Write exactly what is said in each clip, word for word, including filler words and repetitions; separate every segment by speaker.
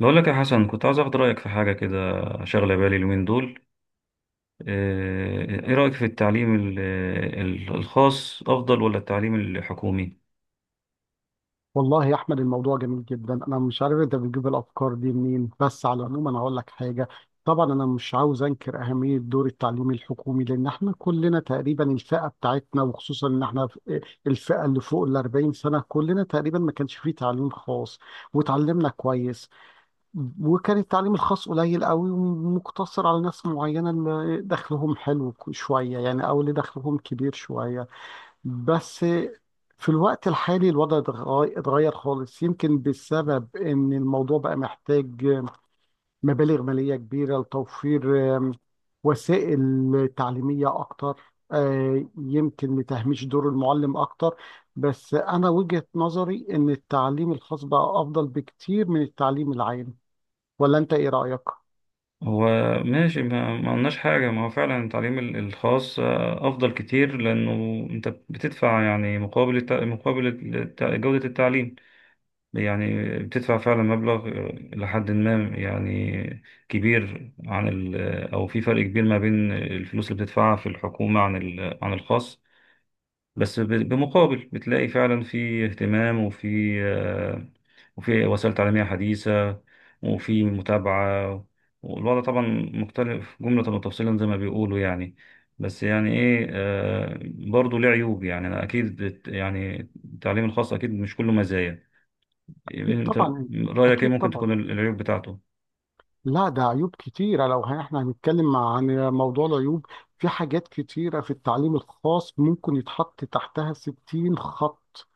Speaker 1: بقول لك يا حسن، كنت عايز اخد رايك في حاجه كده. شغله بالي اليومين دول. آه، ايه رايك في التعليم ال- ال- الخاص افضل ولا التعليم الحكومي؟
Speaker 2: والله يا احمد، الموضوع جميل جدا. انا مش عارف انت بتجيب الافكار دي منين، بس على العموم انا هقول لك حاجه. طبعا انا مش عاوز انكر اهميه دور التعليم الحكومي، لان احنا كلنا تقريبا الفئه بتاعتنا، وخصوصا ان احنا في- الفئه اللي فوق ال أربعين سنه كلنا تقريبا ما كانش فيه تعليم خاص، وتعلمنا كويس. وكان التعليم الخاص قليل قوي ومقتصر على ناس معينه، اللي دخلهم حلو شويه يعني، او اللي دخلهم كبير شويه بس. في الوقت الحالي الوضع اتغ- اتغير خالص، يمكن بسبب ان الموضوع بقى محتاج مبالغ مالية كبيرة لتوفير آم، وسائل تعليمية أكتر، آه، يمكن لتهميش دور المعلم أكتر. بس أنا وجهة نظري إن التعليم الخاص بقى أفضل بكتير من التعليم العام. ولا أنت إيه رأيك؟
Speaker 1: هو، ماشي، ما ما قلناش حاجه، ما هو فعلا التعليم ال- الخاص آه، افضل كتير لانه انت بتدفع، يعني مقابل الت- مقابل الت- جوده التعليم. يعني بتدفع فعلا مبلغ، آه، لحد ما، يعني كبير عن ال- او في فرق كبير ما بين الفلوس اللي بتدفعها في الحكومه عن ال- عن الخاص. بس ب- بمقابل بتلاقي فعلا في اهتمام، وفي آه، وفي وسائل تعليمية حديثة، وفي متابعة. والوضع طبعا مختلف جملة وتفصيلا، زي ما بيقولوا يعني. بس يعني ايه، آه، برضه ليه عيوب. يعني أنا اكيد بت- يعني التعليم الخاص اكيد مش كله مزايا.
Speaker 2: أكيد
Speaker 1: انت،
Speaker 2: طبعا.
Speaker 1: رأيك ايه
Speaker 2: أكيد
Speaker 1: ممكن
Speaker 2: طبعا.
Speaker 1: تكون العيوب بتاعته؟
Speaker 2: لا، ده عيوب كتيرة. لو هن- احنا هنتكلم عن موضوع العيوب، في حاجات كتيرة في التعليم الخاص ممكن يتحط تحتها ستين خط.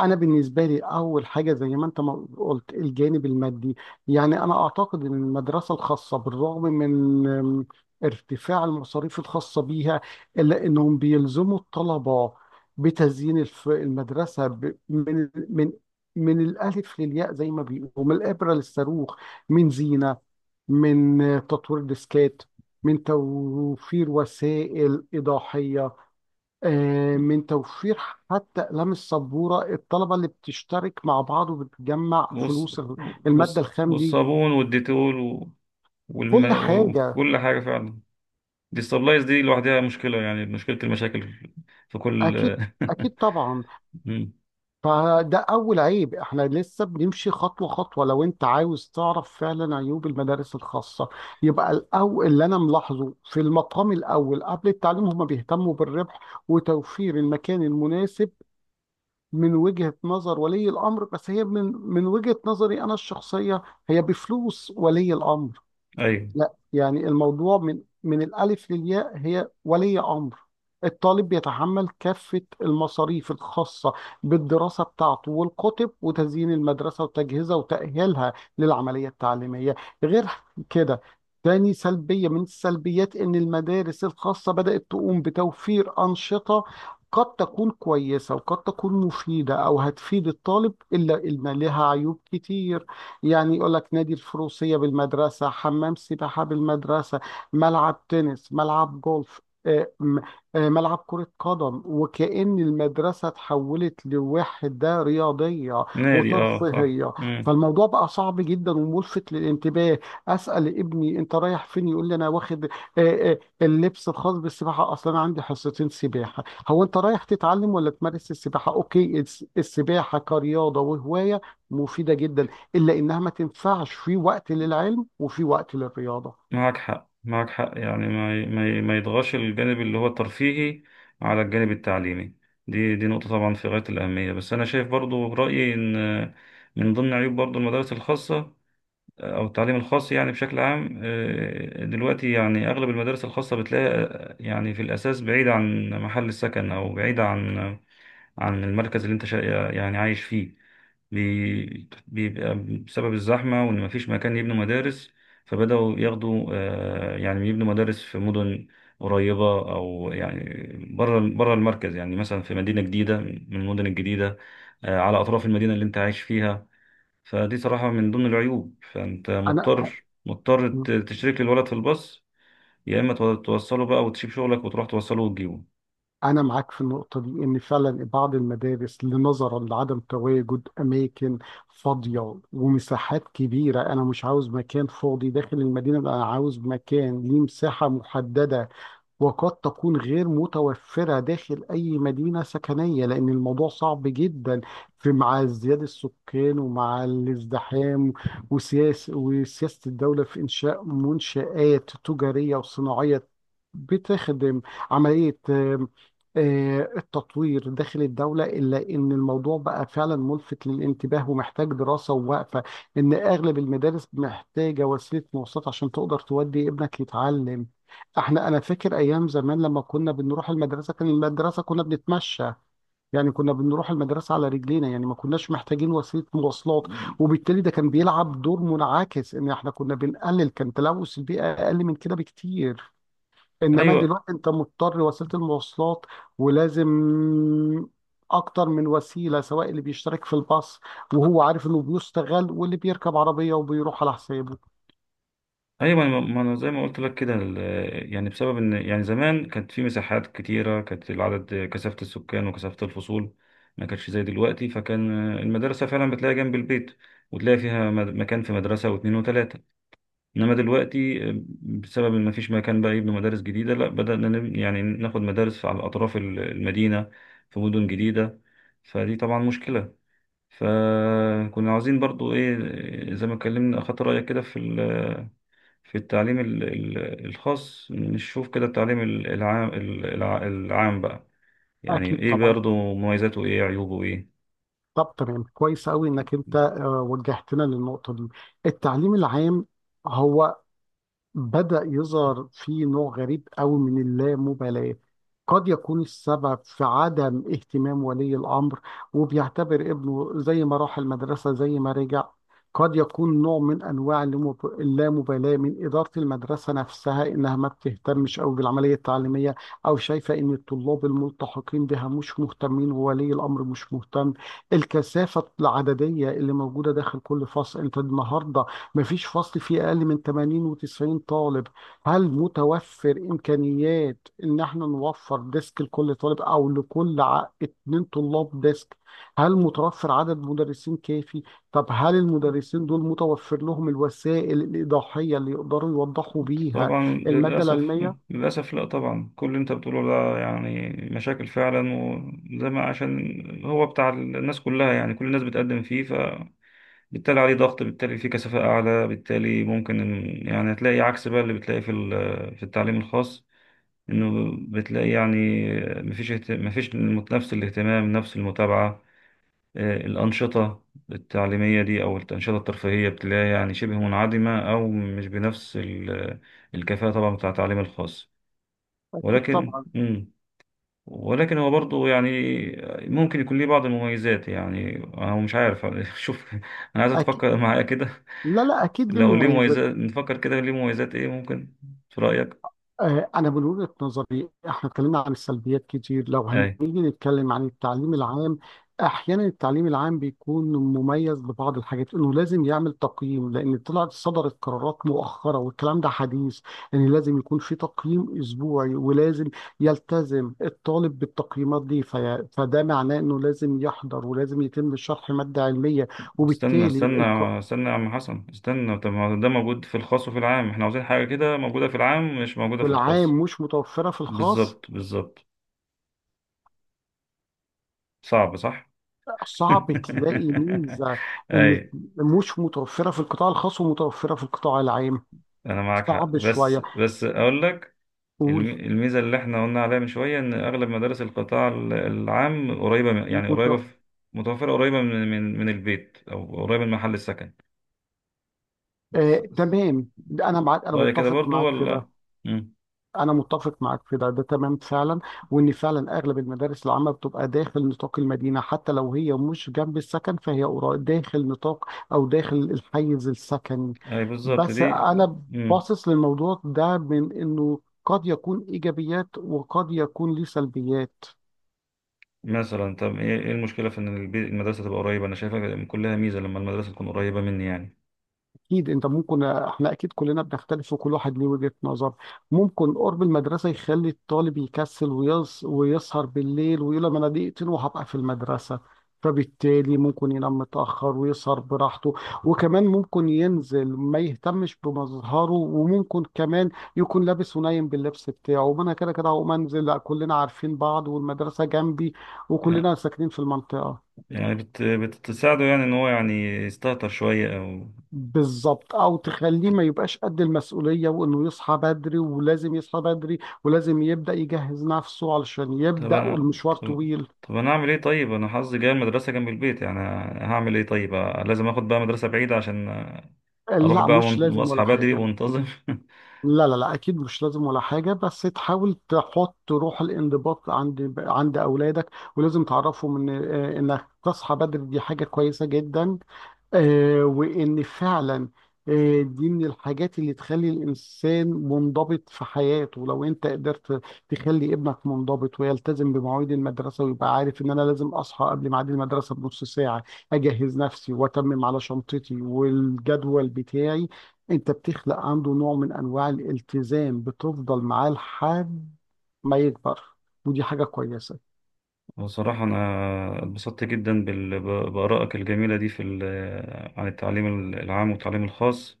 Speaker 2: أنا بالنسبة لي، أول حاجة زي ما أنت ما قلت، الجانب المادي. يعني أنا أعتقد إن المدرسة الخاصة، بالرغم من أم، ارتفاع المصاريف الخاصة بيها، إلا إنهم بيلزموا الطلبة بتزيين الف- المدرسة ب- من من من الألف للياء زي ما بيقولوا، من الإبرة للصاروخ، من زينة، من تطوير ديسكات، من توفير وسائل إيضاحية، آه، من توفير حتى أقلام السبورة، الطلبة اللي بتشترك مع بعض وبتجمع
Speaker 1: والص-
Speaker 2: فلوس المادة
Speaker 1: والص-
Speaker 2: الخام دي.
Speaker 1: والصابون والديتول و- والم...
Speaker 2: كل حاجة.
Speaker 1: وكل حاجة فعلا. ديستابلايز دي لوحدها مشكلة، يعني مشكلة المشاكل في كل
Speaker 2: أكيد. أكيد طبعا.
Speaker 1: مم.
Speaker 2: فده أول عيب. إحنا لسه بنمشي خطوة خطوة. لو أنت عاوز تعرف فعلا عيوب المدارس الخاصة، يبقى الأول اللي أنا ملاحظه في المقام الأول قبل التعليم، هما بيهتموا بالربح وتوفير المكان المناسب من وجهة نظر ولي الأمر، بس هي من من وجهة نظري أنا الشخصية، هي بفلوس ولي الأمر.
Speaker 1: أيوة.
Speaker 2: لا، يعني الموضوع من من الألف للياء هي ولي أمر الطالب بيتحمل كافة المصاريف الخاصة بالدراسة بتاعته، والكتب، وتزيين المدرسة، وتجهيزها، وتأهيلها للعملية التعليمية. غير كده، تاني سلبية من السلبيات إن المدارس الخاصة بدأت تقوم بتوفير أنشطة قد تكون كويسة وقد تكون مفيدة أو هتفيد الطالب، إلا إن لها عيوب كتير. يعني يقول لك نادي الفروسية بالمدرسة، حمام سباحة بالمدرسة، ملعب تنس، ملعب جولف، آه، م- آه، ملعب كرة قدم، وكأن المدرسة تحولت لوحدة رياضية
Speaker 1: نادي، أه، صح.
Speaker 2: وترفيهية.
Speaker 1: مم.
Speaker 2: فالموضوع بقى صعب جدا وملفت للانتباه. أسأل ابني أنت رايح فين، يقول لي أنا واخد آه، آه، اللبس الخاص بالسباحة، أصلا أنا عندي حصتين سباحة. هو أنت رايح تتعلم ولا تمارس السباحة؟ أوكي، الس- السباحة كرياضة وهواية مفيدة جدا، الا انها ما تنفعش في وقت للعلم، وفي وقت للرياضه.
Speaker 1: معك حق، معك حق، يعني ما ي- ما ي- ما يضغطش الجانب اللي هو الترفيهي على الجانب التعليمي. دي دي نقطة طبعا في غاية الأهمية. بس أنا شايف برضو رأيي إن من ضمن عيوب برضو المدارس الخاصة آه، أو التعليم الخاص يعني بشكل عام، آه، دلوقتي يعني أغلب المدارس الخاصة بتلاقي، آه، يعني في الأساس بعيدة عن محل السكن، أو بعيدة عن عن المركز اللي انت شا... يعني عايش فيه. بي- بيبقى بسبب الزحمة، وإن مفيش مكان يبنوا مدارس، فبدأوا ياخدوا آه، يعني يبنوا مدارس في مدن قريبة، أو يعني بره بره المركز، يعني مثلا في مدينة جديدة، من المدن الجديدة، آه، على أطراف المدينة اللي أنت عايش فيها. فدي صراحة من ضمن العيوب، فأنت
Speaker 2: انا
Speaker 1: مضطر مضطر ت- تشترك للولد في الباص، يا إما تو- توصله بقى، وتسيب شغلك وتروح توصله وتجيبه.
Speaker 2: انا معاك في النقطه دي، ان فعلا بعض المدارس لنظرا لعدم تواجد اماكن فاضيه ومساحات كبيره. انا مش عاوز مكان فاضي داخل المدينه، انا عاوز مكان ليه مساحه محدده، وقد تكون غير متوفرة داخل أي مدينة سكنية، لأن الموضوع صعب جدا في مع ازدياد السكان، ومع الازدحام، وسياسة وسياسة الدولة في إنشاء منشآت تجارية وصناعية بتخدم عملية آم، آه، التطوير داخل الدولة، إلا إن الموضوع بقى فعلا ملفت للانتباه ومحتاج دراسة ووقفة. إن أغلب المدارس محتاجة وسيلة مواصلات عشان تقدر تودي ابنك يتعلم. احنا، انا فاكر ايام زمان لما كنا بنروح المدرسه، كان المدرسه كنا بنتمشى، يعني كنا بنروح المدرسه على رجلينا، يعني ما كناش محتاجين وسيله مواصلات، وبالتالي ده كان بيلعب دور منعكس ان احنا كنا بنقلل، كان تلوث البيئه اقل من كده بكتير. انما
Speaker 1: أيوه.
Speaker 2: دلوقتي انت مضطر وسيله المواصلات، ولازم اكتر من وسيله، سواء اللي بيشترك في الباص وهو عارف انه بيستغل، واللي بيركب عربيه وبيروح على حسابه.
Speaker 1: ايوه، ما ما انا زي ما قلت لك كده ال- يعني بسبب ان، يعني زمان كانت في مساحات كتيره، كانت العدد، كثافه السكان وكثافه الفصول ما كانتش زي دلوقتي، فكان المدرسه فعلا بتلاقي جنب البيت، وتلاقي فيها مد- مكان في مدرسه واثنين وثلاثه. انما دلوقتي آه، بسبب ان ما فيش مكان بقى يبنوا مدارس جديده، لا بدانا نب- يعني ناخد مدارس على اطراف ال- المدينه، في مدن جديده، فدي طبعا مشكله. فكنا عاوزين برضو ايه، آه، زي ما اتكلمنا اخدت رايك كده في في التعليم ال- ال- الخاص نشوف كده التعليم ال- العام، ال- الع- العام بقى يعني
Speaker 2: اكيد
Speaker 1: ايه
Speaker 2: طبعا.
Speaker 1: برضه، مميزاته ايه، عيوبه ايه.
Speaker 2: طب تمام، كويس قوي انك انت آه، وجهتنا للنقطه دي. التعليم العام، هو بدأ يظهر في نوع غريب قوي من اللامبالاة. قد يكون السبب في عدم اهتمام ولي الأمر وبيعتبر ابنه زي ما راح المدرسة زي ما رجع. قد يكون نوع من أنواع اللامب- اللامبالاة من إدارة المدرسة نفسها إنها ما بتهتمش أو بالعملية التعليمية، أو شايفة إن الطلاب الملتحقين بها مش مهتمين وولي الأمر مش مهتم. الكثافة العددية اللي موجودة داخل كل فصل، أنت النهاردة مفيش فصل فيه أقل من ثمانين و90 طالب. هل متوفر إمكانيات إن احنا نوفر ديسك لكل طالب، أو لكل ع- اتنين طلاب ديسك؟ هل متوفر عدد مدرسين كافي؟ طب هل المدرسين دول متوفر لهم الوسائل الإيضاحية اللي يقدروا يوضحوا بيها
Speaker 1: طبعا،
Speaker 2: المادة
Speaker 1: للأسف.
Speaker 2: العلمية؟
Speaker 1: للأسف، لا طبعا كل اللي انت بتقوله ده يعني مشاكل فعلا، وزي ما عشان هو بتاع الناس كلها يعني، كل الناس بتقدم فيه، فبالتالي عليه ضغط، بالتالي فيه كثافة أعلى، بالتالي ممكن إن- يعني هتلاقي عكس بقى اللي بتلاقي في ال- في التعليم الخاص. انه بتلاقي، يعني مفيش اهت- مفيش المت- نفس الاهتمام، نفس المتابعة، آه، الأنشطة التعليمية دي، أو الأنشطة الترفيهية بتلاقيها يعني شبه منعدمة، أو مش بنفس ال- الكفاءة طبعا بتاع التعليم الخاص.
Speaker 2: أكيد
Speaker 1: ولكن
Speaker 2: طبعا.
Speaker 1: مم. ولكن هو برضه، يعني ممكن يكون ليه بعض المميزات. يعني أنا مش عارف شوف، أنا عايز
Speaker 2: أكيد.
Speaker 1: تفكر معايا كده.
Speaker 2: لا لا، أكيد دي
Speaker 1: لو ليه
Speaker 2: مميزات.
Speaker 1: مميزات، نفكر كده ليه مميزات إيه ممكن في رأيك؟
Speaker 2: آه، أنا من وجهة نظري إحنا اتكلمنا عن السلبيات كتير، لو هنيجي
Speaker 1: أي.
Speaker 2: نتكلم عن التعليم العام، أحيانا التعليم العام بيكون مميز ببعض الحاجات. إنه لازم يعمل تقييم، لأن طلعت صدرت قرارات مؤخرة والكلام ده حديث إن لازم يكون في تقييم أسبوعي، ولازم يلتزم الطالب بالتقييمات دي، في فده معناه إنه لازم يحضر ولازم يتم شرح مادة علمية.
Speaker 1: استنى
Speaker 2: وبالتالي
Speaker 1: استنى،
Speaker 2: الق-
Speaker 1: استنى يا عم حسن استنى. طب ما ده موجود في الخاص وفي العام، احنا عاوزين حاجة كده موجودة في العام، مش موجودة في
Speaker 2: العام
Speaker 1: الخاص.
Speaker 2: مش متوفرة في الخاص.
Speaker 1: بالظبط، بالظبط. صعب، صح؟
Speaker 2: صعب تلاقي ميزة إن
Speaker 1: اي،
Speaker 2: مش متوفرة في القطاع الخاص ومتوفرة في القطاع العام.
Speaker 1: انا معاك حق.
Speaker 2: صعب
Speaker 1: بس
Speaker 2: شوية.
Speaker 1: بس اقول لك،
Speaker 2: قول.
Speaker 1: الم- الميزة اللي احنا قلنا عليها من شوية، ان اغلب مدارس القطاع ال- العام قريبة من- يعني
Speaker 2: مت...
Speaker 1: قريبة في- متوفرة، قريبة من من من البيت، او قريبة من محل السكن. س-
Speaker 2: آه،
Speaker 1: س-
Speaker 2: تمام، ده أنا معاك، أنا
Speaker 1: رأيك كده
Speaker 2: متفق
Speaker 1: برضو
Speaker 2: معاك في ده.
Speaker 1: ولا؟ مم.
Speaker 2: أنا متفق معاك في ده، ده تمام فعلا. وإن فعلا أغلب المدارس العامة بتبقى داخل نطاق المدينة، حتى لو هي مش جنب السكن، فهي قرا- داخل نطاق، أو داخل الحيز السكني.
Speaker 1: اي بالظبط
Speaker 2: بس
Speaker 1: دي.
Speaker 2: أنا
Speaker 1: مم.
Speaker 2: باصص للموضوع ده من إنه قد يكون إيجابيات وقد يكون ليه سلبيات.
Speaker 1: مثلا، طب ايه، إيه المشكله في ان البي- المدرسه تبقى قريبه؟ انا شايفها كلها ميزه، لما المدرسه تكون قريبه مني يعني.
Speaker 2: اكيد، انت ممكن، احنا اكيد كلنا بنختلف وكل واحد ليه وجهة نظر. ممكن قرب المدرسه يخلي الطالب يكسل ويص... ويسهر بالليل، ويقول لما انا دقيقتين وهبقى في المدرسه، فبالتالي ممكن ينام متاخر ويسهر براحته، وكمان ممكن ينزل ما يهتمش بمظهره، وممكن كمان يكون لابس ونايم باللبس بتاعه، وانا كده كده هقوم انزل، لا، كلنا عارفين بعض والمدرسه جنبي وكلنا ساكنين في المنطقه.
Speaker 1: يعني بت... بتساعده، يعني ان هو يعني يستهتر شويه، او
Speaker 2: بالظبط، او تخليه ما يبقاش قد المسؤوليه، وانه يصحى بدري ولازم يصحى بدري ولازم يبدا يجهز نفسه علشان
Speaker 1: طب
Speaker 2: يبدا،
Speaker 1: انا
Speaker 2: والمشوار
Speaker 1: طب,
Speaker 2: طويل.
Speaker 1: طب انا اعمل ايه؟ طيب انا حظي جاي المدرسه جنب البيت، يعني هعمل ايه طيب؟ لازم اخد بقى مدرسه بعيده عشان اروح
Speaker 2: لا،
Speaker 1: بقى،
Speaker 2: مش
Speaker 1: ون-
Speaker 2: لازم
Speaker 1: واصحى
Speaker 2: ولا
Speaker 1: بدري
Speaker 2: حاجه.
Speaker 1: وانتظم.
Speaker 2: لا لا لا، اكيد مش لازم ولا حاجه، بس تحاول تحط روح الانضباط عند عند اولادك. ولازم تعرفهم ان آه، انك تصحى بدري دي حاجه كويسه جدا. آه، وإن فعلا، آه، دي من الحاجات اللي تخلي الإنسان منضبط في حياته. لو أنت قدرت تخلي ابنك منضبط ويلتزم بمواعيد المدرسة ويبقى عارف إن أنا لازم أصحى قبل ميعاد المدرسة بنص ساعة، أجهز نفسي وأتمم على شنطتي والجدول بتاعي. أنت بتخلق عنده نوع من أنواع الالتزام بتفضل معاه لحد ما يكبر. ودي حاجة كويسة.
Speaker 1: بصراحه انا اتبسطت جدا بال... بارائك الجميله دي، في ال... عن التعليم العام والتعليم الخاص.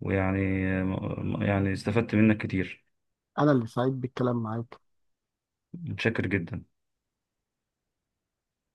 Speaker 1: ويعني، يعني استفدت منك كتير.
Speaker 2: أنا اللي سعيد بالكلام معاك.
Speaker 1: متشكر جدا.